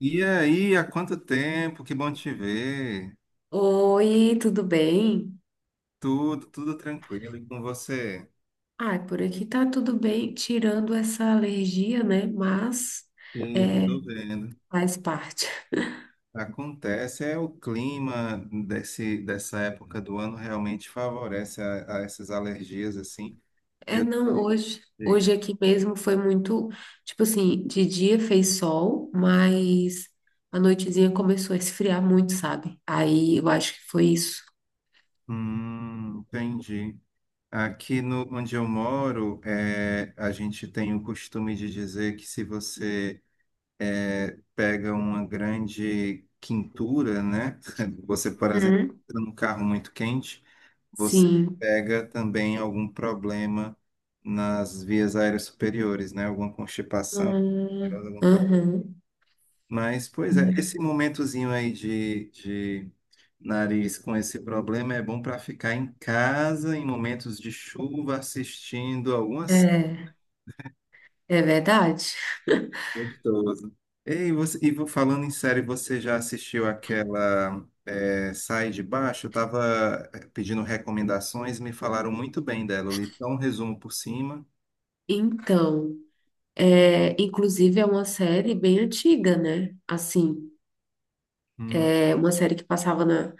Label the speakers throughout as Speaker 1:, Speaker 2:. Speaker 1: E aí, há quanto tempo? Que bom te ver.
Speaker 2: Oi, tudo bem?
Speaker 1: Tudo, tranquilo e com você?
Speaker 2: Ah, por aqui tá tudo bem, tirando essa alergia, né? Mas
Speaker 1: E
Speaker 2: é,
Speaker 1: tô vendo.
Speaker 2: faz parte.
Speaker 1: Acontece, é o clima dessa época do ano realmente favorece a essas alergias assim.
Speaker 2: É,
Speaker 1: Eu
Speaker 2: não, hoje aqui mesmo foi muito, tipo assim, de dia fez sol, mas a noitezinha começou a esfriar muito, sabe? Aí eu acho que foi isso.
Speaker 1: Entendi. Aqui no, Onde eu moro, a gente tem o costume de dizer que se você pega uma grande quintura, né? Você, por exemplo,
Speaker 2: Uhum.
Speaker 1: entra num carro muito quente, você
Speaker 2: Sim.
Speaker 1: pega também algum problema nas vias aéreas superiores, né? Alguma constipação, alguma coisa.
Speaker 2: Uhum.
Speaker 1: Mas, pois é, esse momentozinho aí de nariz com esse problema é bom para ficar em casa em momentos de chuva assistindo algumas.
Speaker 2: É, é verdade.
Speaker 1: Gostoso. Ei, você, falando em série, você já assistiu aquela Sai de Baixo? Eu estava pedindo recomendações, me falaram muito bem dela. Eu li só um resumo por cima.
Speaker 2: Então. É, inclusive, é uma série bem antiga, né? Assim,
Speaker 1: Hum,
Speaker 2: é uma série que passava na,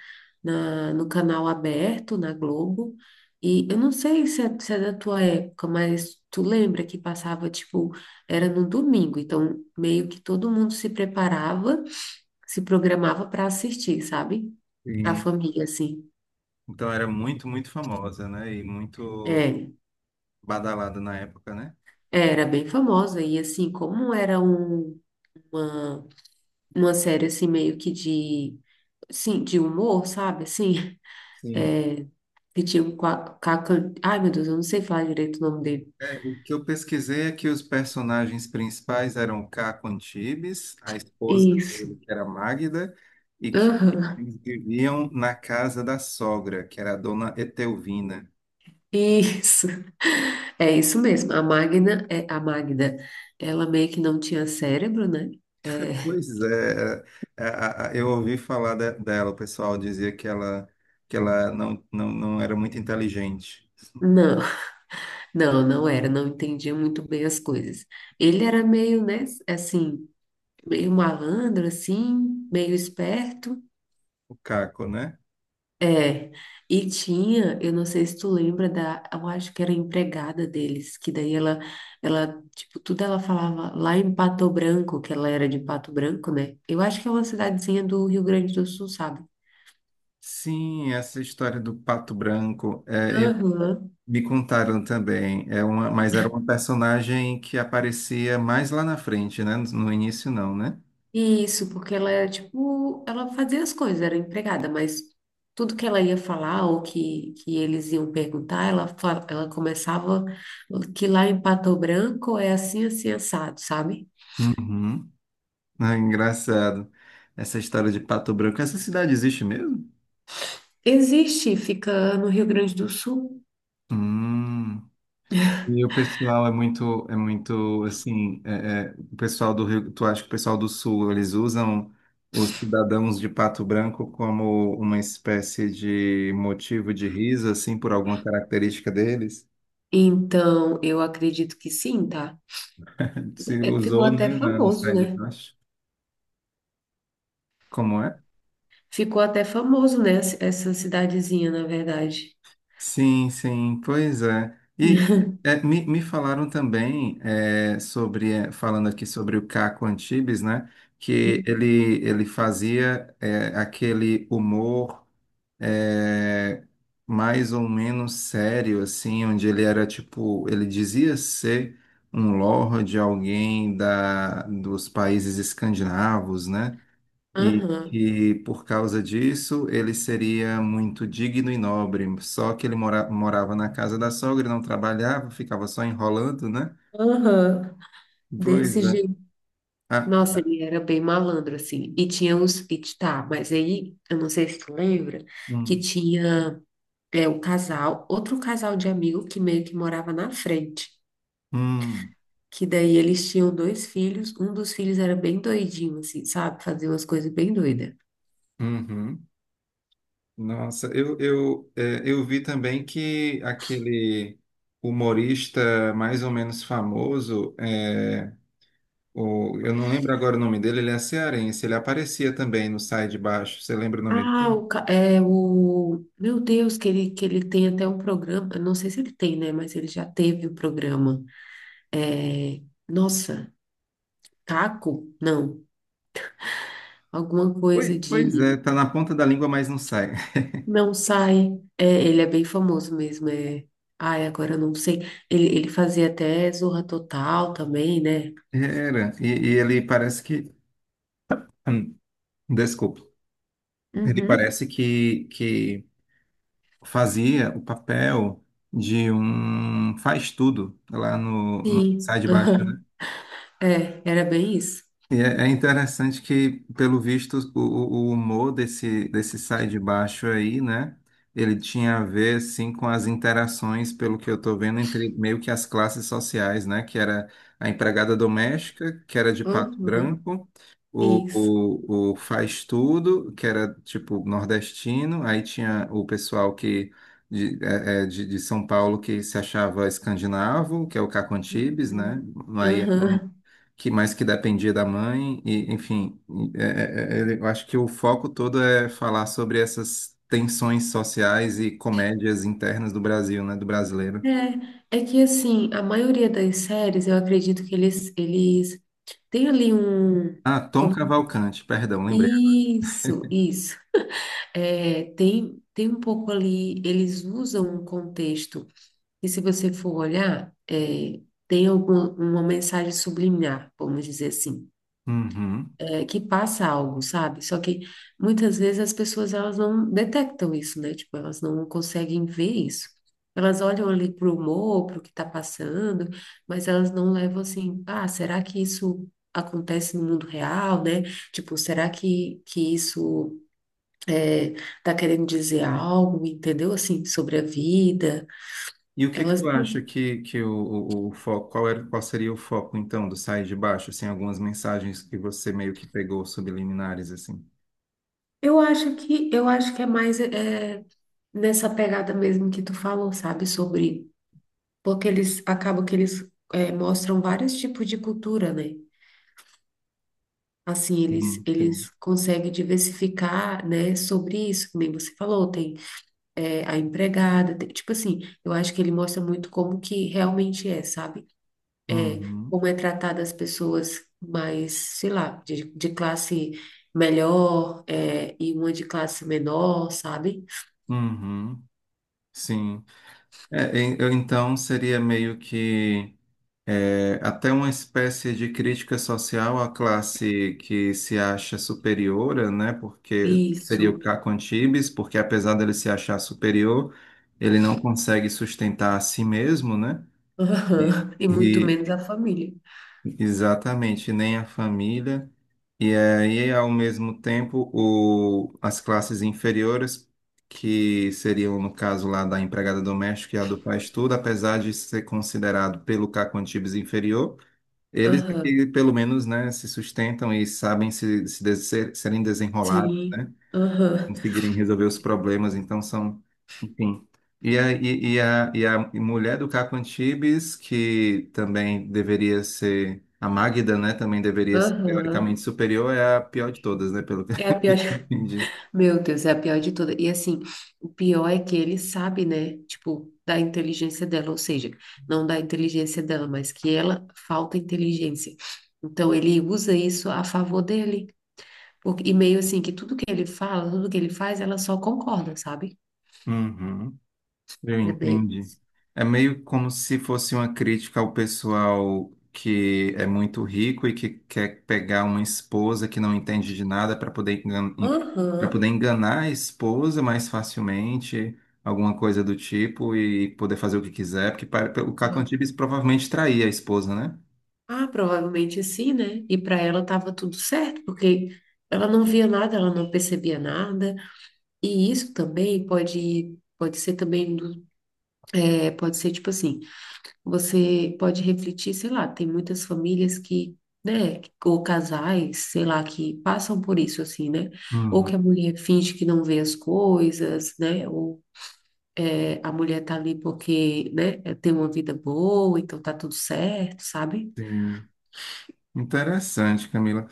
Speaker 2: na- no canal aberto, na Globo. E eu não sei se é da tua época, mas tu lembra que passava, tipo, era no domingo. Então, meio que todo mundo se preparava, se programava para assistir, sabe? A
Speaker 1: sim.
Speaker 2: família, assim.
Speaker 1: Então era muito, famosa, né? E muito
Speaker 2: É,
Speaker 1: badalada na época, né?
Speaker 2: era bem famosa. E, assim, como era uma, uma série, assim, meio que de, assim, de humor, sabe? Assim.
Speaker 1: Sim.
Speaker 2: é, que tinha um Caca. Ai, meu Deus, eu não sei falar direito o nome dele.
Speaker 1: É, o que eu pesquisei é que os personagens principais eram o Caco Antibes, a esposa
Speaker 2: Isso.
Speaker 1: dele, que era Magda, e que
Speaker 2: Aham,
Speaker 1: eles viviam na casa da sogra, que era a dona Etelvina.
Speaker 2: isso. É isso mesmo. A Magna, é, a Magda, ela meio que não tinha cérebro, né? É,
Speaker 1: Pois é, é, é, a- eu ouvi falar dela, o pessoal dizia que ela não era muito inteligente,
Speaker 2: não, não era, não entendia muito bem as coisas. Ele era meio, né, assim, meio malandro, assim, meio esperto.
Speaker 1: o Caco, né?
Speaker 2: É, e tinha, eu não sei se tu lembra da, eu acho que era a empregada deles, que daí ela, ela, tipo, tudo ela falava lá em Pato Branco, que ela era de Pato Branco, né? Eu acho que é uma cidadezinha do Rio Grande do Sul, sabe?
Speaker 1: Sim, essa história do Pato Branco.
Speaker 2: Aham.
Speaker 1: Me contaram também, é uma, mas era uma personagem que aparecia mais lá na frente, né? No início não, né?
Speaker 2: Isso, porque ela era, tipo, ela fazia as coisas, era empregada, mas tudo que ela ia falar ou que eles iam perguntar, ela começava que lá em Pato Branco é assim, assim, assado, sabe?
Speaker 1: Uhum. Ah, engraçado. Essa história de Pato Branco. Essa cidade existe mesmo?
Speaker 2: Existe, fica no Rio Grande do Sul.
Speaker 1: Hum. E o pessoal é é muito assim, o pessoal do Rio, tu acha que o pessoal do Sul, eles usam os cidadãos de Pato Branco como uma espécie de motivo de riso, assim, por alguma característica deles?
Speaker 2: Então, eu acredito que sim, tá?
Speaker 1: Se
Speaker 2: É, ficou
Speaker 1: usou,
Speaker 2: até
Speaker 1: né, no
Speaker 2: famoso,
Speaker 1: Sai de
Speaker 2: né?
Speaker 1: Baixo. Como é?
Speaker 2: Ficou até famoso, né? Essa cidadezinha, na verdade.
Speaker 1: Sim, sim, pois é. E me falaram também sobre, é, falando aqui sobre o Caco Antibes, né? Que
Speaker 2: Uhum.
Speaker 1: ele fazia aquele humor é, mais ou menos sério, assim, onde ele era tipo, ele dizia ser um lord, alguém dos países escandinavos, né? E
Speaker 2: Aham,
Speaker 1: que por causa disso ele seria muito digno e nobre. Só que ele morava na casa da sogra, não trabalhava, ficava só enrolando, né?
Speaker 2: aham. Desse
Speaker 1: Pois é.
Speaker 2: jeito.
Speaker 1: Ah,
Speaker 2: Nossa, ele era bem malandro, assim. E tinha os. E, tá, mas aí, eu não sei se tu lembra, que
Speaker 1: hum,
Speaker 2: tinha o casal, outro casal de amigo que meio que morava na frente.
Speaker 1: hum,
Speaker 2: Que daí eles tinham dois filhos, um dos filhos era bem doidinho, assim, sabe? Fazia umas coisas bem doidas.
Speaker 1: uhum. Nossa, eu vi também que aquele humorista mais ou menos famoso, eu não lembro agora o nome dele, ele é cearense, ele aparecia também no Sai de Baixo. Você lembra o nome
Speaker 2: Ah,
Speaker 1: dele?
Speaker 2: é o. Meu Deus, que ele tem até um programa. Eu não sei se ele tem, né? Mas ele já teve o programa. É... Nossa, Caco? Não. Alguma coisa
Speaker 1: Pois
Speaker 2: de.
Speaker 1: é, tá na ponta da língua, mas não sai.
Speaker 2: Não sai. É, ele é bem famoso mesmo. É... Ai, agora eu não sei. Ele fazia até Zorra Total também, né?
Speaker 1: Era. E ele parece que. Hum, desculpa. Ele
Speaker 2: Uhum.
Speaker 1: parece que fazia o papel de um faz-tudo lá no Sai
Speaker 2: Sim.
Speaker 1: de Baixo.
Speaker 2: É, era bem isso.
Speaker 1: E é é interessante que, pelo visto, o humor desse Sai de Baixo aí, né? Ele tinha a ver, assim, com as interações, pelo que eu tô vendo, entre meio que as classes sociais, né? Que era a empregada doméstica, que era de Pato
Speaker 2: Uhum.
Speaker 1: Branco,
Speaker 2: Isso.
Speaker 1: o faz tudo, que era, tipo, nordestino, aí tinha o pessoal que de, é, é, de São Paulo que se achava escandinavo, que é o Caco Antibes, né?
Speaker 2: Uhum.
Speaker 1: Aí
Speaker 2: Aham.
Speaker 1: que mais que dependia da mãe, e, enfim, eu acho que o foco todo é falar sobre essas tensões sociais e comédias internas do Brasil, né, do brasileiro.
Speaker 2: É, é que assim, a maioria das séries, eu acredito que eles têm ali um.
Speaker 1: Ah, Tom
Speaker 2: Como...
Speaker 1: Cavalcante, perdão, lembrei.
Speaker 2: Isso, isso. É, tem um pouco ali, eles usam um contexto, e se você for olhar, é, tem alguma, uma mensagem subliminar, vamos dizer assim.
Speaker 1: Uhum.
Speaker 2: É, que passa algo, sabe? Só que muitas vezes as pessoas elas não detectam isso, né? Tipo, elas não conseguem ver isso. Elas olham ali pro humor, pro que tá passando, mas elas não levam assim, ah, será que isso acontece no mundo real, né? Tipo, será que isso é, tá querendo dizer algo, entendeu? Assim, sobre a vida.
Speaker 1: E o que que
Speaker 2: Elas
Speaker 1: tu acha
Speaker 2: não-
Speaker 1: o foco, qual era, qual seria o foco então do Sair de Baixo, assim, algumas mensagens que você meio que pegou subliminares, assim?
Speaker 2: eu acho que é mais é, nessa pegada mesmo que tu falou, sabe? Sobre porque eles acabam que eles mostram vários tipos de cultura, né? Assim, eles,
Speaker 1: Sim.
Speaker 2: eles conseguem diversificar, né, sobre isso, que nem você falou, tem a empregada, tipo assim, eu acho que ele mostra muito como que realmente é, sabe?
Speaker 1: Uhum,
Speaker 2: Como é tratada as pessoas mais, sei lá, de classe melhor, e uma de classe menor, sabe?
Speaker 1: uhum, sim. Então seria meio que é, até uma espécie de crítica social à classe que se acha superior, né? Porque seria o
Speaker 2: Isso,
Speaker 1: Caco Antibes, porque apesar dele se achar superior, ele não consegue sustentar a si mesmo, né? E,
Speaker 2: aham. E muito
Speaker 1: e-
Speaker 2: menos a família.
Speaker 1: exatamente, nem a família. E aí, ao mesmo tempo, as classes inferiores, que seriam, no caso lá da empregada doméstica e a do faz-tudo, apesar de ser considerado pelo Caco Antibes inferior, eles
Speaker 2: Aham,
Speaker 1: aqui pelo menos, né, se sustentam e sabem se, se de- ser- serem desenrolados,
Speaker 2: sim,
Speaker 1: né,
Speaker 2: aham.
Speaker 1: conseguirem resolver os problemas, então são, enfim. E a mulher do Caco Antibes, que também deveria ser, a Magda, né, também deveria ser teoricamente
Speaker 2: Aham.
Speaker 1: superior, é a pior de todas, né, pelo que
Speaker 2: É
Speaker 1: eu
Speaker 2: a pior,
Speaker 1: entendi.
Speaker 2: meu Deus, é a pior de todas. E assim, o pior é que ele sabe, né? Tipo, da inteligência dela, ou seja, não da inteligência dela, mas que ela falta inteligência. Então ele usa isso a favor dele. Porque, e meio assim, que tudo que ele fala, tudo que ele faz, ela só concorda, sabe?
Speaker 1: Uhum. Eu
Speaker 2: É meio,
Speaker 1: entendi. É meio como se fosse uma crítica ao pessoal que é muito rico e que quer pegar uma esposa que não entende de nada para poder engan... para poder
Speaker 2: aham.
Speaker 1: enganar a esposa mais facilmente, alguma coisa do tipo, e poder fazer o que quiser, porque para... o Caco
Speaker 2: Uma-
Speaker 1: Antibes provavelmente traía a esposa, né?
Speaker 2: Ah, provavelmente sim, né? E para ela tava tudo certo, porque ela não via nada, ela não percebia nada. E isso também pode pode ser também. É, pode ser tipo assim, você pode refletir, sei lá, tem muitas famílias que, né, ou casais, sei lá, que passam por isso assim, né? Ou que
Speaker 1: Uhum.
Speaker 2: a mulher finge que não vê as coisas, né? Ou é, a mulher tá ali porque, né, é, tem uma vida boa, então tá tudo certo, sabe?
Speaker 1: Sim. Interessante, Camila.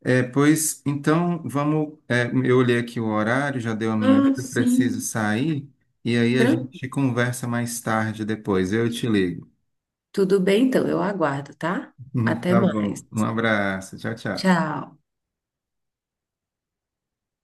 Speaker 1: É, pois então vamos. É, eu olhei aqui o horário, já deu a minha,
Speaker 2: Ah,
Speaker 1: eu preciso
Speaker 2: sim.
Speaker 1: sair, e aí a
Speaker 2: Tran-
Speaker 1: gente conversa mais tarde depois. Eu te ligo.
Speaker 2: Tudo bem, então, eu aguardo, tá? Até
Speaker 1: Tá
Speaker 2: mais.
Speaker 1: bom. Um abraço. Tchau, tchau.
Speaker 2: Tchau.